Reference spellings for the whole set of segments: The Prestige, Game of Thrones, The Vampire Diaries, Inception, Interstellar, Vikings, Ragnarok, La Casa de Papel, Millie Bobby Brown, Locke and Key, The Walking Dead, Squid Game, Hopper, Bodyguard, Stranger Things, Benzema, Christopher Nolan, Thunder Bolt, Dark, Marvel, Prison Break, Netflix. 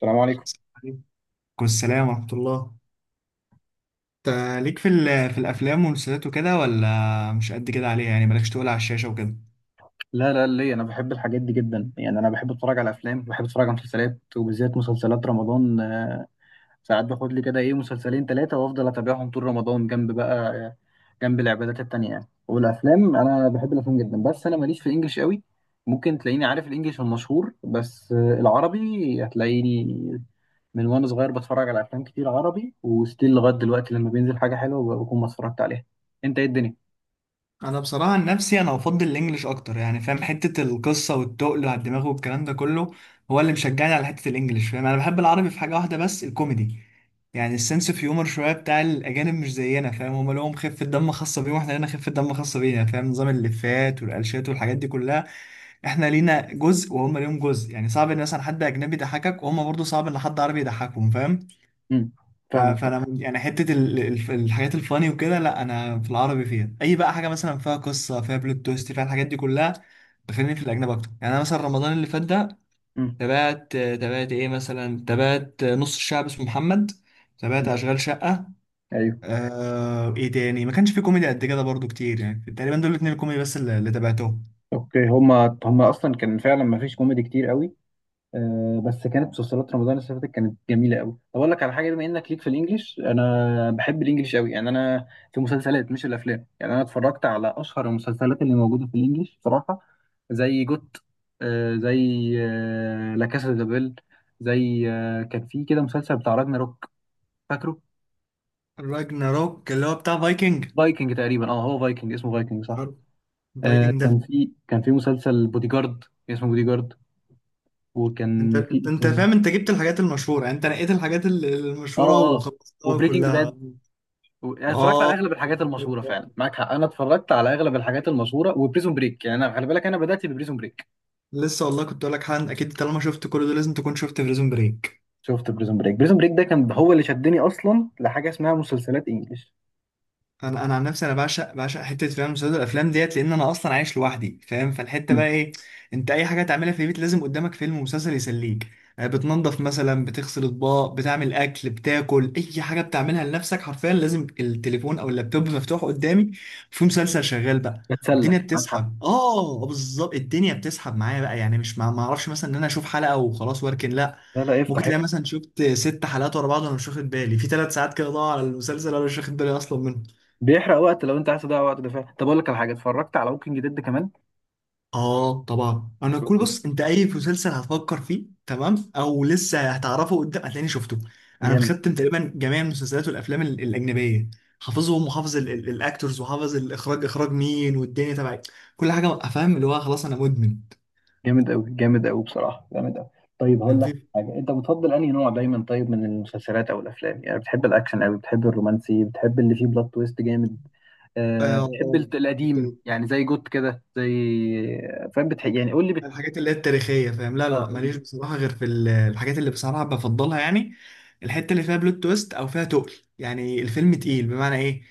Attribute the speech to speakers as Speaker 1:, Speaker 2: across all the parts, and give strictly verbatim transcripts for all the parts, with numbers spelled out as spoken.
Speaker 1: السلام عليكم.
Speaker 2: عليكم السلام ورحمة الله. انت ليك في ال- في الأفلام والمسلسلات وكده ولا مش قد كده عليها؟ يعني مالكش تقول على الشاشة وكده.
Speaker 1: لا، لا، ليه؟ انا بحب الحاجات دي جدا، يعني انا بحب اتفرج على افلام، بحب اتفرج على مسلسلات، وبالذات مسلسلات رمضان. آه، ساعات باخد لي كده ايه مسلسلين ثلاثه وافضل اتابعهم طول رمضان، جنب بقى آه، جنب العبادات التانية يعني. والافلام انا بحب الافلام جدا، بس انا ماليش في الانجليش قوي. ممكن تلاقيني عارف الانجليش المشهور بس، آه، العربي هتلاقيني من وانا صغير بتفرج على افلام كتير عربي، وستيل لغايه دلوقتي لما بينزل حاجه حلوه بكون ما اتفرجت عليها. انت ايه الدنيا؟
Speaker 2: انا بصراحه عن نفسي، انا افضل الانجليش اكتر، يعني فاهم حته القصه والتقل على الدماغ والكلام ده كله هو اللي مشجعني على حته الانجليش، فاهم. انا بحب العربي في حاجه واحده بس، الكوميدي. يعني السنس اوف هيومر شويه بتاع الاجانب مش زينا، فاهم، هما لهم خفه دم خاصه بيهم واحنا لنا خفه دم خاصه بينا، فاهم، نظام اللفات والقلشات والحاجات دي كلها. احنا لينا جزء وهم ليهم جزء، يعني صعب ان مثلا حد اجنبي يضحكك، وهم برضه صعب ان حد عربي يضحكهم، فاهم.
Speaker 1: امم
Speaker 2: ف-
Speaker 1: فاهمك طبعا.
Speaker 2: فانا من- يعني حته ال- ال- الحاجات الفاني وكده، لا، انا في العربي فيها اي بقى، حاجه مثلا فيها قصه، فيها بلوت تويست، فيها الحاجات دي كلها بخليني في الاجنبي اكتر. يعني انا مثلا رمضان اللي فات ده
Speaker 1: امم.
Speaker 2: تابعت تابعت ايه مثلا، تابعت نص الشعب اسمه محمد، تابعت
Speaker 1: أمم.
Speaker 2: اشغال شقه.
Speaker 1: ايوه.
Speaker 2: آه ايه تاني؟ ما كانش في كوميدي قد كده برضو كتير، يعني تقريبا دول الاتنين الكوميدي بس اللي اللي تابعتهم.
Speaker 1: اوكي، هما هما اصلا كان فعلا ما فيش كوميدي كتير قوي. آه، بس كانت مسلسلات رمضان اللي فاتت كانت جميله قوي. طب اقول لك على حاجه، بما انك ليك في الانجليش، انا بحب الانجليش قوي يعني، انا في مسلسلات مش الافلام. يعني انا اتفرجت على اشهر المسلسلات اللي موجوده في الانجليش بصراحه، زي جوت، آه زي آه لا كاسا دي بابيل، زي آه كان في كده مسلسل بتاع راجناروك، فاكره؟
Speaker 2: راجناروك اللي هو بتاع فايكنج.
Speaker 1: فايكنج تقريبا، اه هو فايكنج، اسمه فايكنج، صح. آه مم.
Speaker 2: فايكنج ده،
Speaker 1: كان في كان في مسلسل بودي جارد، اسمه بودي جارد.
Speaker 2: انت
Speaker 1: وكان
Speaker 2: انت
Speaker 1: في
Speaker 2: انت فاهم، انت جبت الحاجات المشهوره، يعني انت نقيت الحاجات ال- المشهوره
Speaker 1: اه اه
Speaker 2: وخلصتها
Speaker 1: وبريكنج
Speaker 2: كلها.
Speaker 1: باد، و... يعني اتفرجت على
Speaker 2: اه،
Speaker 1: اغلب الحاجات المشهوره، فعلا معاك حق، انا اتفرجت على اغلب الحاجات المشهوره. وبريزون بريك، يعني انا خلي بالك انا بدات ببريزون بريك.
Speaker 2: لسه والله كنت اقول لك، حن اكيد طالما شفت كل ده لازم تكون شفت بريزون بريك.
Speaker 1: شفت بريزون بريك، بريزون بريك ده كان هو اللي شدني اصلا لحاجه اسمها مسلسلات انجلش.
Speaker 2: انا انا عن نفسي، انا بعشق بعشق حته، فاهم، مسلسلات الافلام ديت، لان انا اصلا عايش لوحدي، فاهم. فالحته
Speaker 1: مم.
Speaker 2: بقى ايه، انت اي حاجه تعملها في البيت لازم قدامك فيلم ومسلسل يسليك. آه، بتنظف مثلا، بتغسل اطباق، بتعمل اكل، بتاكل، اي حاجه بتعملها لنفسك حرفيا لازم التليفون او اللابتوب مفتوح قدامي في مسلسل شغال بقى.
Speaker 1: بتسلى،
Speaker 2: والدنيا
Speaker 1: معاك حق.
Speaker 2: بتسحب، اه، بالظبط، الدنيا بتسحب معايا بقى، يعني مش ما ما اعرفش مثلا ان انا اشوف حلقه وخلاص واركن، لا،
Speaker 1: لا، لا، افتح
Speaker 2: ممكن تلاقي
Speaker 1: افتح.
Speaker 2: مثلا شفت ست حلقات ورا بعض وانا مش واخد بالي، في ثلاث ساعات كده ضاعوا على المسلسل وانا مش واخد بالي اصلا منهم.
Speaker 1: بيحرق وقت، لو انت عايز تضيع وقت ده فعلا. طب اقول لك على حاجه، اتفرجت على ووكينج ديد كمان.
Speaker 2: اه طبعا، انا كل
Speaker 1: Walking.
Speaker 2: بص، انت اي مسلسل هتفكر فيه تمام او لسه هتعرفه قدام هتلاقيني شفته. انا
Speaker 1: جامد.
Speaker 2: مختم تقريبا جميع المسلسلات والافلام ال- الاجنبيه، حافظهم وحافظ ال- ال- الاكتورز وحافظ الاخراج، اخراج مين والدنيا تبعي، كل حاجه افهم، اللي هو خلاص انا مدمن.
Speaker 1: جامد قوي، جامد قوي، بصراحه جامد قوي. طيب
Speaker 2: كان
Speaker 1: هقول لك
Speaker 2: في
Speaker 1: حاجه، انت بتفضل انهي نوع دايما؟ طيب من المسلسلات او الافلام، يعني بتحب الاكشن قوي؟ بتحب الرومانسي؟ بتحب اللي فيه بلوت تويست جامد؟ آه، بتحب الت-
Speaker 2: اه آه.
Speaker 1: القديم يعني زي جوت كده، زي، فاهم بتحب يعني، قول لي بت...
Speaker 2: الحاجات اللي هي التاريخية، فاهم، لا
Speaker 1: اه،
Speaker 2: لا
Speaker 1: قول
Speaker 2: ماليش
Speaker 1: لي.
Speaker 2: بصراحة غير في ال- الحاجات اللي بصراحة بفضلها، يعني الحتة اللي فيها بلوت تويست أو فيها تقل. يعني الفيلم تقيل بمعنى إيه؟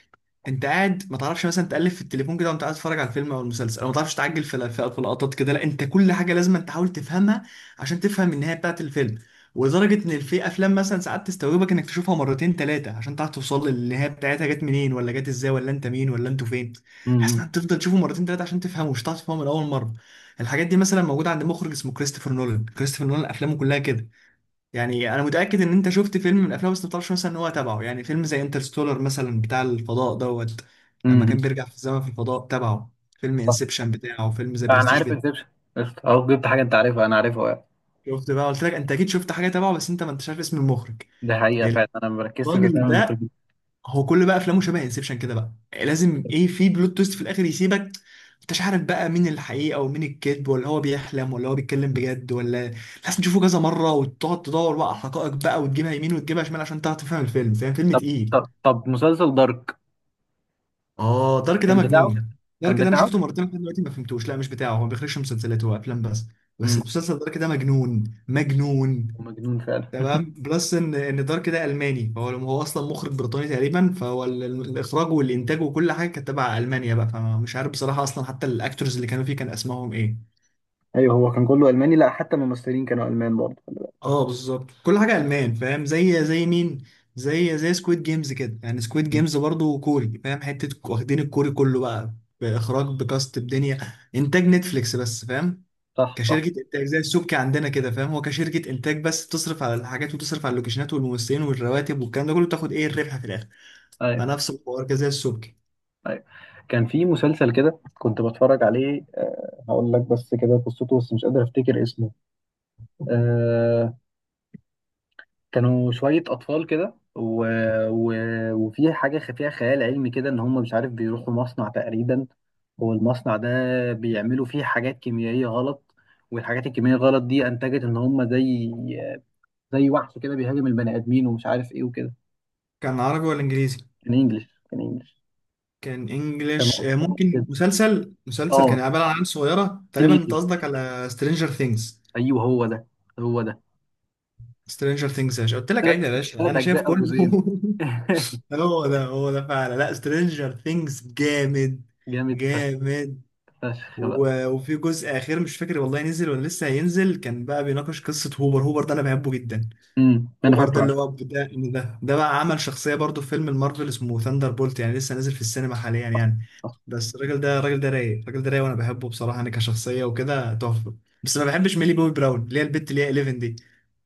Speaker 2: أنت قاعد ما تعرفش مثلا تقلب في التليفون كده وأنت قاعد تتفرج على الفيلم أو المسلسل، أو ما تعرفش تعجل في ال- في في لقطات كده، لا، أنت كل حاجة لازم أنت تحاول تفهمها عشان تفهم النهاية بتاعة الفيلم. ولدرجة إن في أفلام مثلا ساعات تستوعبك إنك تشوفها مرتين تلاتة عشان تعرف توصل للنهاية بتاعتها جت منين ولا جت إزاي، ولا أنت مين ولا أنتوا فين، بحيث
Speaker 1: امم
Speaker 2: إنك تفضل تشوفه مرتين تلاتة عشان تفهمه، مش هتعرف تفهمه من أول مرة. الحاجات دي مثلا موجوده عند مخرج اسمه كريستوفر نولان. كريستوفر نولان افلامه كلها كده، يعني انا متاكد ان انت شفت فيلم من افلامه بس ما تعرفش مثلا ان هو تبعه. يعني فيلم زي انترستولر مثلا، بتاع الفضاء دوت، لما
Speaker 1: امم
Speaker 2: كان بيرجع في الزمن في الفضاء تبعه، فيلم
Speaker 1: صح.
Speaker 2: انسبشن بتاعه، فيلم زي
Speaker 1: انا
Speaker 2: برستيج
Speaker 1: عارف
Speaker 2: بتاعه.
Speaker 1: انسبشن، اهو جبت حاجه انت عارفها انا عارفها يعني.
Speaker 2: شفت بقى، قلت لك انت اكيد شفت حاجه تبعه بس انت ما انتش عارف اسم المخرج.
Speaker 1: ده حقيقه، فعلا انا ما بركزش في اسامي
Speaker 2: الراجل ده،
Speaker 1: المخرجين.
Speaker 2: هو كل بقى افلامه شبه انسبشن كده بقى، لازم ايه، في بلوت تويست في الاخر يسيبك انتش عارف بقى مين الحقيقه ومين الكذب، ولا هو بيحلم ولا هو بيتكلم بجد، ولا لازم تشوفه كذا مره وتقعد تدور بقى على حقائق بقى، وتجيبها يمين وتجيبها شمال عشان تعرف تفهم الفيلم، فاهم، فيلم
Speaker 1: طب،
Speaker 2: تقيل.
Speaker 1: طب، طب، مسلسل دارك،
Speaker 2: اه، دارك ده
Speaker 1: كان بتاعه؟
Speaker 2: مجنون.
Speaker 1: كان
Speaker 2: دارك ده انا
Speaker 1: بتاعه.
Speaker 2: شفته مرتين لحد دلوقتي ما فهمتوش. لا مش بتاعه، هو ما بيخرجش مسلسلات، هو افلام بس. بس
Speaker 1: امم
Speaker 2: المسلسل دارك ده مجنون مجنون.
Speaker 1: ومجنون فعلا.
Speaker 2: تمام، بلس ان ان دارك ده الماني، فهو هو اصلا مخرج بريطاني تقريبا، فهو ال- ال- الاخراج والانتاج وكل حاجه كانت تبع المانيا بقى، فمش عارف بصراحه اصلا حتى الاكتورز اللي كانوا فيه كان اسمائهم ايه.
Speaker 1: ايوه، هو كان كله الماني، لا حتى الممثلين كانوا المان برضه، خلي بالك.
Speaker 2: اه بالظبط، كل حاجه المان، فاهم، زي زي مين، زي زي سكويد جيمز كده، يعني سكويد
Speaker 1: مم.
Speaker 2: جيمز برضه كوري، فاهم، حته واخدين الكوري كله بقى، باخراج بكاست بدنيا. انتاج نتفليكس بس، فاهم،
Speaker 1: صح، صح.
Speaker 2: كشركة إنتاج زي السبكي عندنا كده، فاهم، هو كشركة إنتاج بس تصرف على الحاجات وتصرف على اللوكيشنات والممثلين والرواتب والكلام ده كله، تاخد إيه الربح في الآخر.
Speaker 1: ايوه،
Speaker 2: فنفس الحوار كده زي السبكي.
Speaker 1: ايوه، كان في مسلسل كده كنت بتفرج عليه، آه، هقول لك بس كده قصته بس مش قادر افتكر اسمه. آه، كانوا شوية أطفال كده، و... و... وفي حاجة خ- فيها خيال علمي كده، إن هم مش عارف بيروحوا مصنع تقريبا، والمصنع ده بيعملوا فيه حاجات كيميائية غلط، والحاجات الكيميائية غلط دي أنتجت إن هم زي، زي وحش كده بيهاجم البني آدمين ومش عارف إيه وكده.
Speaker 2: كان عربي ولا انجليزي؟
Speaker 1: كان إنجلش كان إنجلش
Speaker 2: كان
Speaker 1: كان
Speaker 2: انجليش. آه،
Speaker 1: أطفال
Speaker 2: ممكن
Speaker 1: كده،
Speaker 2: مسلسل مسلسل كان
Speaker 1: آه
Speaker 2: عبارة عن عيال صغيرة
Speaker 1: تين
Speaker 2: تقريبا؟ انت
Speaker 1: إيجرز.
Speaker 2: قصدك على سترينجر ثينجز.
Speaker 1: أيوه، هو ده، هو ده،
Speaker 2: سترينجر ثينجز يا باشا، قلت لك
Speaker 1: ثلاث
Speaker 2: عيب يا باشا،
Speaker 1: ثلاث
Speaker 2: انا شايف
Speaker 1: أجزاء أو
Speaker 2: كله
Speaker 1: جزئين.
Speaker 2: هو ده هو ده فعلا، لا، سترينجر ثينجز جامد.
Speaker 1: جامد فشخ،
Speaker 2: جامد.
Speaker 1: فشخ بقى.
Speaker 2: و- وفي جزء اخير مش فاكر والله نزل ولا لسه هينزل، كان بقى بيناقش قصة هوبر. هوبر ده انا بحبه جدا.
Speaker 1: امم أنا
Speaker 2: اوبر ده
Speaker 1: فاكره
Speaker 2: اللي
Speaker 1: عشان.
Speaker 2: هو بتاع إن ده ده بقى عمل شخصيه برضو في فيلم المارفل اسمه ثاندر بولت، يعني لسه نازل في السينما حاليا يعني. بس الراجل ده الراجل ده رايق، الراجل ده رايق، وانا بحبه بصراحه انا كشخصيه وكده، تحفه. بس ما بحبش ميلي بوبي براون اللي هي البت اللي هي حداشر دي،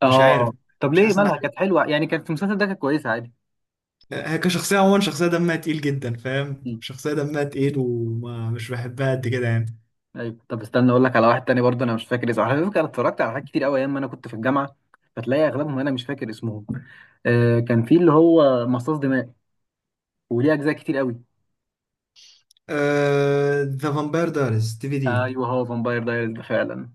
Speaker 2: مش عارف،
Speaker 1: اه، طب
Speaker 2: مش
Speaker 1: ليه،
Speaker 2: حاسس ان
Speaker 1: مالها
Speaker 2: انا،
Speaker 1: كانت حلوه يعني، كانت في المسلسل ده كانت كويسه عادي.
Speaker 2: هي كشخصيه عموما شخصيه دمها تقيل جدا، فاهم،
Speaker 1: مم.
Speaker 2: شخصيه دمها تقيل ومش بحبها قد كده يعني.
Speaker 1: ايوه، طب استنى اقول لك على واحد تاني برضه، انا مش فاكر اسمه. على فكره انا اتفرجت على حاجات كتير قوي ايام ما انا كنت في الجامعه، فتلاقي اغلبهم انا مش فاكر اسمهم. آه، كان في اللي هو مصاص دماء، وليه اجزاء كتير قوي.
Speaker 2: ذا فامباير دايريز دي في دي.
Speaker 1: ايوه، هو فامباير دايرز ده فعلا.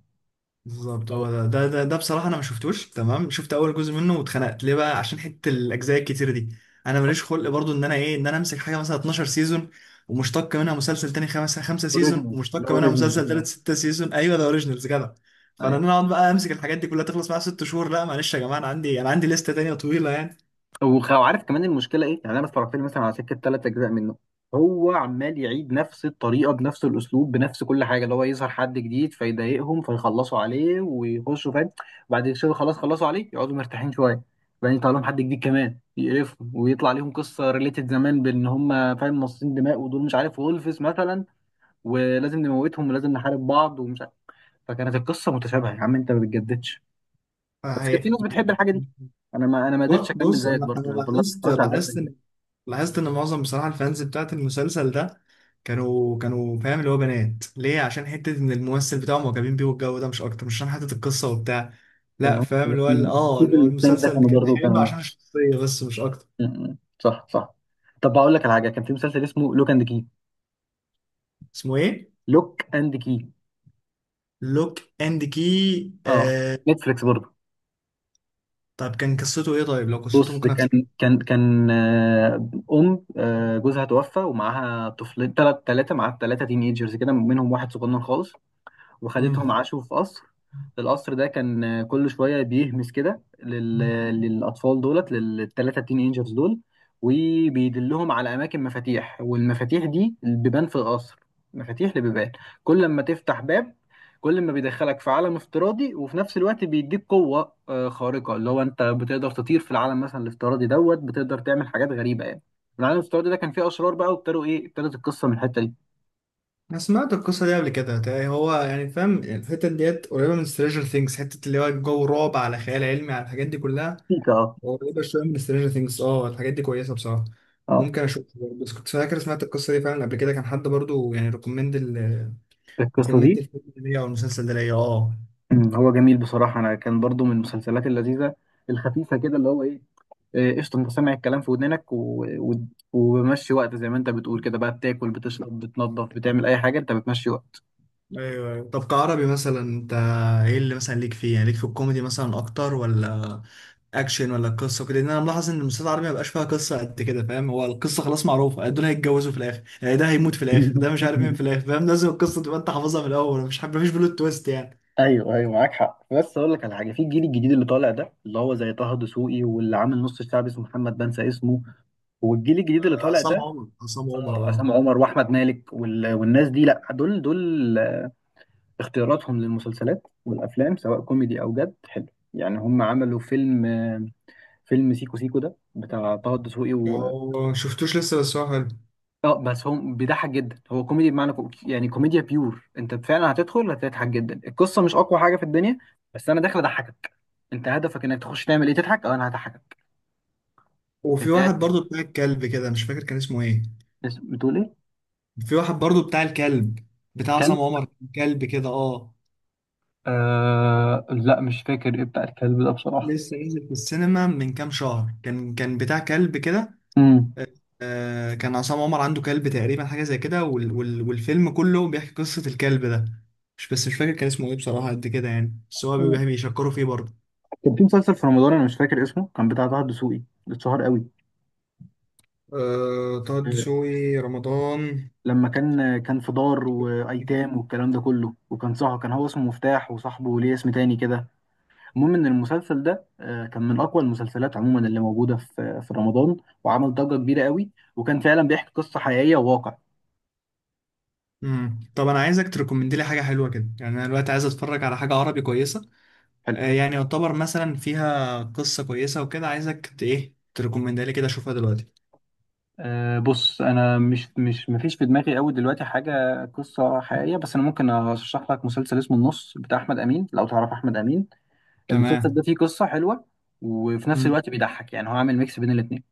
Speaker 2: بالظبط هو ده ده ده, ده, بصراحة أنا ما شفتوش. تمام، شفت أول جزء منه واتخنقت، ليه بقى؟ عشان حتة الأجزاء الكتير دي، أنا ماليش خلق برضو إن أنا إيه إن أنا أمسك حاجة مثلا اتناشر سيزون، ومشتق منها مسلسل تاني خمسة خمسة سيزون،
Speaker 1: اوريجينال، اللي هو
Speaker 2: ومشتق منها مسلسل
Speaker 1: اوريجينال.
Speaker 2: تالت ستة سيزون، أيوه ده أوريجينالز كده. فأنا إن أنا أقعد بقى أمسك الحاجات دي كلها تخلص معايا ست شهور، لا معلش يا جماعة، أنا عندي أنا عندي لستة تانية طويلة يعني.
Speaker 1: وخ- وعارف كمان المشكله ايه يعني؟ انا اتفرجت لي مثلا على سكه ثلاث اجزاء منه، هو عمال يعيد نفس الطريقه بنفس الاسلوب بنفس كل حاجه، اللي هو يظهر حد جديد فيضايقهم فيخلصوا عليه ويخشوا، فاهم. وبعد كده خلاص خلصوا عليه يقعدوا مرتاحين شويه، بعدين يطلع لهم حد جديد كمان يقرفهم، ويطلع ليهم قصه ريليتد زمان بان هم، فاهم، مصاصين دماء ودول مش عارف وولفز مثلا، ولازم نموتهم ولازم نحارب بعض ومش عارف. فكانت القصه متشابهه، يا عم انت ما بتجددش. بس كانت
Speaker 2: فهي
Speaker 1: في ناس بتحب الحاجه دي. انا ما انا ما قدرتش
Speaker 2: ب-
Speaker 1: اكمل
Speaker 2: بص،
Speaker 1: زيك
Speaker 2: انا انا
Speaker 1: برضه، يعني فضلت
Speaker 2: لاحظت
Speaker 1: اتفرجت على ده،
Speaker 2: لاحظت ان لاحظت ان معظم بصراحه الفانز بتاعت المسلسل ده كانوا كانوا فاهم اللي هو بنات، ليه؟ عشان حته ان الممثل بتاعهم معجبين بيه والجو ده مش اكتر، مش عشان حته القصه وبتاع،
Speaker 1: كان
Speaker 2: لا،
Speaker 1: هو
Speaker 2: فاهم، اللي هو ال- اه اللي
Speaker 1: ستيفن
Speaker 2: هو
Speaker 1: والتاني ده،
Speaker 2: المسلسل اللي
Speaker 1: كانوا
Speaker 2: كان
Speaker 1: برضه
Speaker 2: حلو
Speaker 1: كانوا،
Speaker 2: عشان الشخصيه بس مش اكتر.
Speaker 1: م- م. صح، صح. طب بقول لك على حاجه، كان في مسلسل اسمه لوك اند كي.
Speaker 2: اسمه ايه؟
Speaker 1: لوك اند كي.
Speaker 2: لوك اند كي،
Speaker 1: اه،
Speaker 2: آه.
Speaker 1: نتفليكس برضه.
Speaker 2: طب كان قصته ايه؟ طيب لو قصته
Speaker 1: بص،
Speaker 2: ممكن
Speaker 1: كان
Speaker 2: افتكرها.
Speaker 1: كان كان آه، ام آه، جوزها توفى، ومعاها طفلين، ثلاث ثلاثه، معاها ثلاثه تين ايجرز كده، منهم واحد صغنن خالص،
Speaker 2: مم.
Speaker 1: وخدتهم عاشوا في قصر. القصر ده كان، آه، كل شوية بيهمس كده لل... للأطفال دولت، للثلاثة تين اينجرز دول، وبيدلهم على أماكن مفاتيح، والمفاتيح دي بيبان في القصر، مفاتيح لبيبان، كل ما تفتح باب كل ما بيدخلك في عالم افتراضي، وفي نفس الوقت بيديك قوة آه، خارقة، اللي هو انت بتقدر تطير في العالم مثلا الافتراضي دوت، بتقدر تعمل حاجات غريبة يعني. العالم الافتراضي ده كان فيه أشرار بقى، وابتدوا ايه، ابتدت القصة من الحتة دي.
Speaker 2: انا سمعت القصه دي قبل كده، تلاقي هو يعني فاهم الحته ديت قريبه من سترينجر ثينجز، حته اللي هو جو رعب على خيال علمي على الحاجات دي كلها،
Speaker 1: اه،
Speaker 2: قريبه شويه من سترينجر ثينجز. اه، الحاجات دي كويسه بصراحه،
Speaker 1: اه،
Speaker 2: ممكن اشوف. بس كنت فاكر سمعت القصه دي فعلا قبل كده، كان حد برضو يعني ريكومند ال
Speaker 1: القصة
Speaker 2: ريكومند
Speaker 1: دي،
Speaker 2: الفيلم ده ليا او المسلسل ده ليا، اه.
Speaker 1: أمم، هو جميل بصراحة. أنا كان برضو من المسلسلات اللذيذة الخفيفة كده، اللي هو إيه، إيه، قشطة. أنت سامع الكلام في ودنك، و... و... وبمشي وقت زي ما أنت بتقول كده بقى، بتاكل بتشرب بتنظف بتعمل أي حاجة، أنت بتمشي وقت.
Speaker 2: ايوه ايوه، طب كعربي مثلا انت، ايه اللي مثلا ليك فيه؟ يعني ليك في الكوميدي مثلا اكتر، ولا اكشن، ولا قصه وكده؟ لان انا ملاحظ ان المسلسلات العربيه ما بقاش فيها قصه قد كده، فاهم، هو القصه خلاص معروفه، دول هيتجوزوا في الاخر، يعني ده هيموت في الاخر، ده مش عارف مين في الاخر، فاهم لازم القصه تبقى انت حافظها من الاول، مش حابب، مفيش بلوت تويست يعني.
Speaker 1: ايوه، ايوه، معاك حق، بس اقول لك على حاجه، في الجيل الجديد اللي طالع ده، اللي هو زي طه دسوقي، واللي عامل نص الشعب اسمه محمد، بنسى اسمه. والجيل الجديد اللي طالع
Speaker 2: عصام
Speaker 1: ده،
Speaker 2: عمر، عصام عمر،
Speaker 1: آه،
Speaker 2: اه.
Speaker 1: عصام عمر، واحمد مالك، وال... والناس دي، لا، دول دول اختياراتهم للمسلسلات والافلام سواء كوميدي او جد حلو. يعني هم عملوا فيلم فيلم سيكو سيكو ده بتاع طه الدسوقي و...
Speaker 2: ما شفتوش لسه بس هو حلو.
Speaker 1: اه، بس هو بيضحك جدا، هو كوميدي بمعنى كو... يعني كوميديا بيور. انت فعلا هتدخل هتضحك جدا، القصه مش اقوى حاجه في الدنيا، بس انا داخل اضحكك. انت هدفك انك تخش تعمل ايه؟ تضحك. اه، انا هضحكك.
Speaker 2: وفي
Speaker 1: انت
Speaker 2: واحد
Speaker 1: قاعد،
Speaker 2: برضو بتاع الكلب كده، مش فاكر كان اسمه ايه.
Speaker 1: بس- بتقول ايه؟
Speaker 2: في واحد برضو بتاع الكلب بتاع
Speaker 1: كلب.
Speaker 2: عصام عمر، كلب كده، اه.
Speaker 1: آه... لا، مش فاكر ايه بتاع الكلب ده بصراحه.
Speaker 2: لسه نزل في السينما من كام شهر، كان كان بتاع كلب كده.
Speaker 1: امم
Speaker 2: آه، كان عصام عمر عنده كلب تقريبا، حاجة زي كده، وال وال والفيلم كله بيحكي قصة الكلب ده. مش بس مش فاكر كان اسمه ايه بصراحة قد كده يعني، بس هو بي- بيشكروا فيه برضه.
Speaker 1: كان في مسلسل في رمضان انا مش فاكر اسمه كان بتاع طه الدسوقي، اتشهر قوي.
Speaker 2: أه، طه
Speaker 1: آه،
Speaker 2: الدسوقي رمضان
Speaker 1: لما كان كان في دار
Speaker 2: كده.
Speaker 1: وايتام والكلام ده كله، وكان صح كان هو اسمه مفتاح وصاحبه ليه اسم تاني كده. المهم ان المسلسل ده آه، كان من اقوى المسلسلات عموما اللي موجوده في في رمضان، وعمل ضجه كبيره قوي، وكان فعلا بيحكي قصه حقيقيه وواقع.
Speaker 2: امم، طب انا عايزك تريكومند لي حاجة حلوة كده، يعني انا دلوقتي عايز اتفرج على حاجة عربي كويسة.
Speaker 1: حلو.
Speaker 2: أه، يعني يعتبر مثلا فيها قصة كويسة وكده، عايزك ت- ايه تريكومند لي كده اشوفها دلوقتي.
Speaker 1: أه، بص انا مش مش مفيش في دماغي قوي دلوقتي حاجه قصه حقيقيه، بس انا ممكن ارشح لك مسلسل اسمه النص بتاع احمد امين، لو تعرف احمد امين. المسلسل ده
Speaker 2: تمام.
Speaker 1: فيه قصه حلوه، وفي نفس
Speaker 2: امم،
Speaker 1: الوقت بيضحك، يعني هو عامل ميكس بين الاثنين.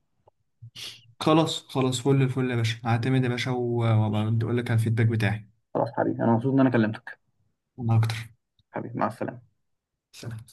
Speaker 2: خلاص خلاص، فل الفل يا باشا، هعتمد يا باشا، و- وابقى اقول لك على الفيدباك بتاعي.
Speaker 1: خلاص حبيبي، انا مبسوط ان انا كلمتك.
Speaker 2: انا اكتر.
Speaker 1: حبيبي، مع السلامة.
Speaker 2: سلام.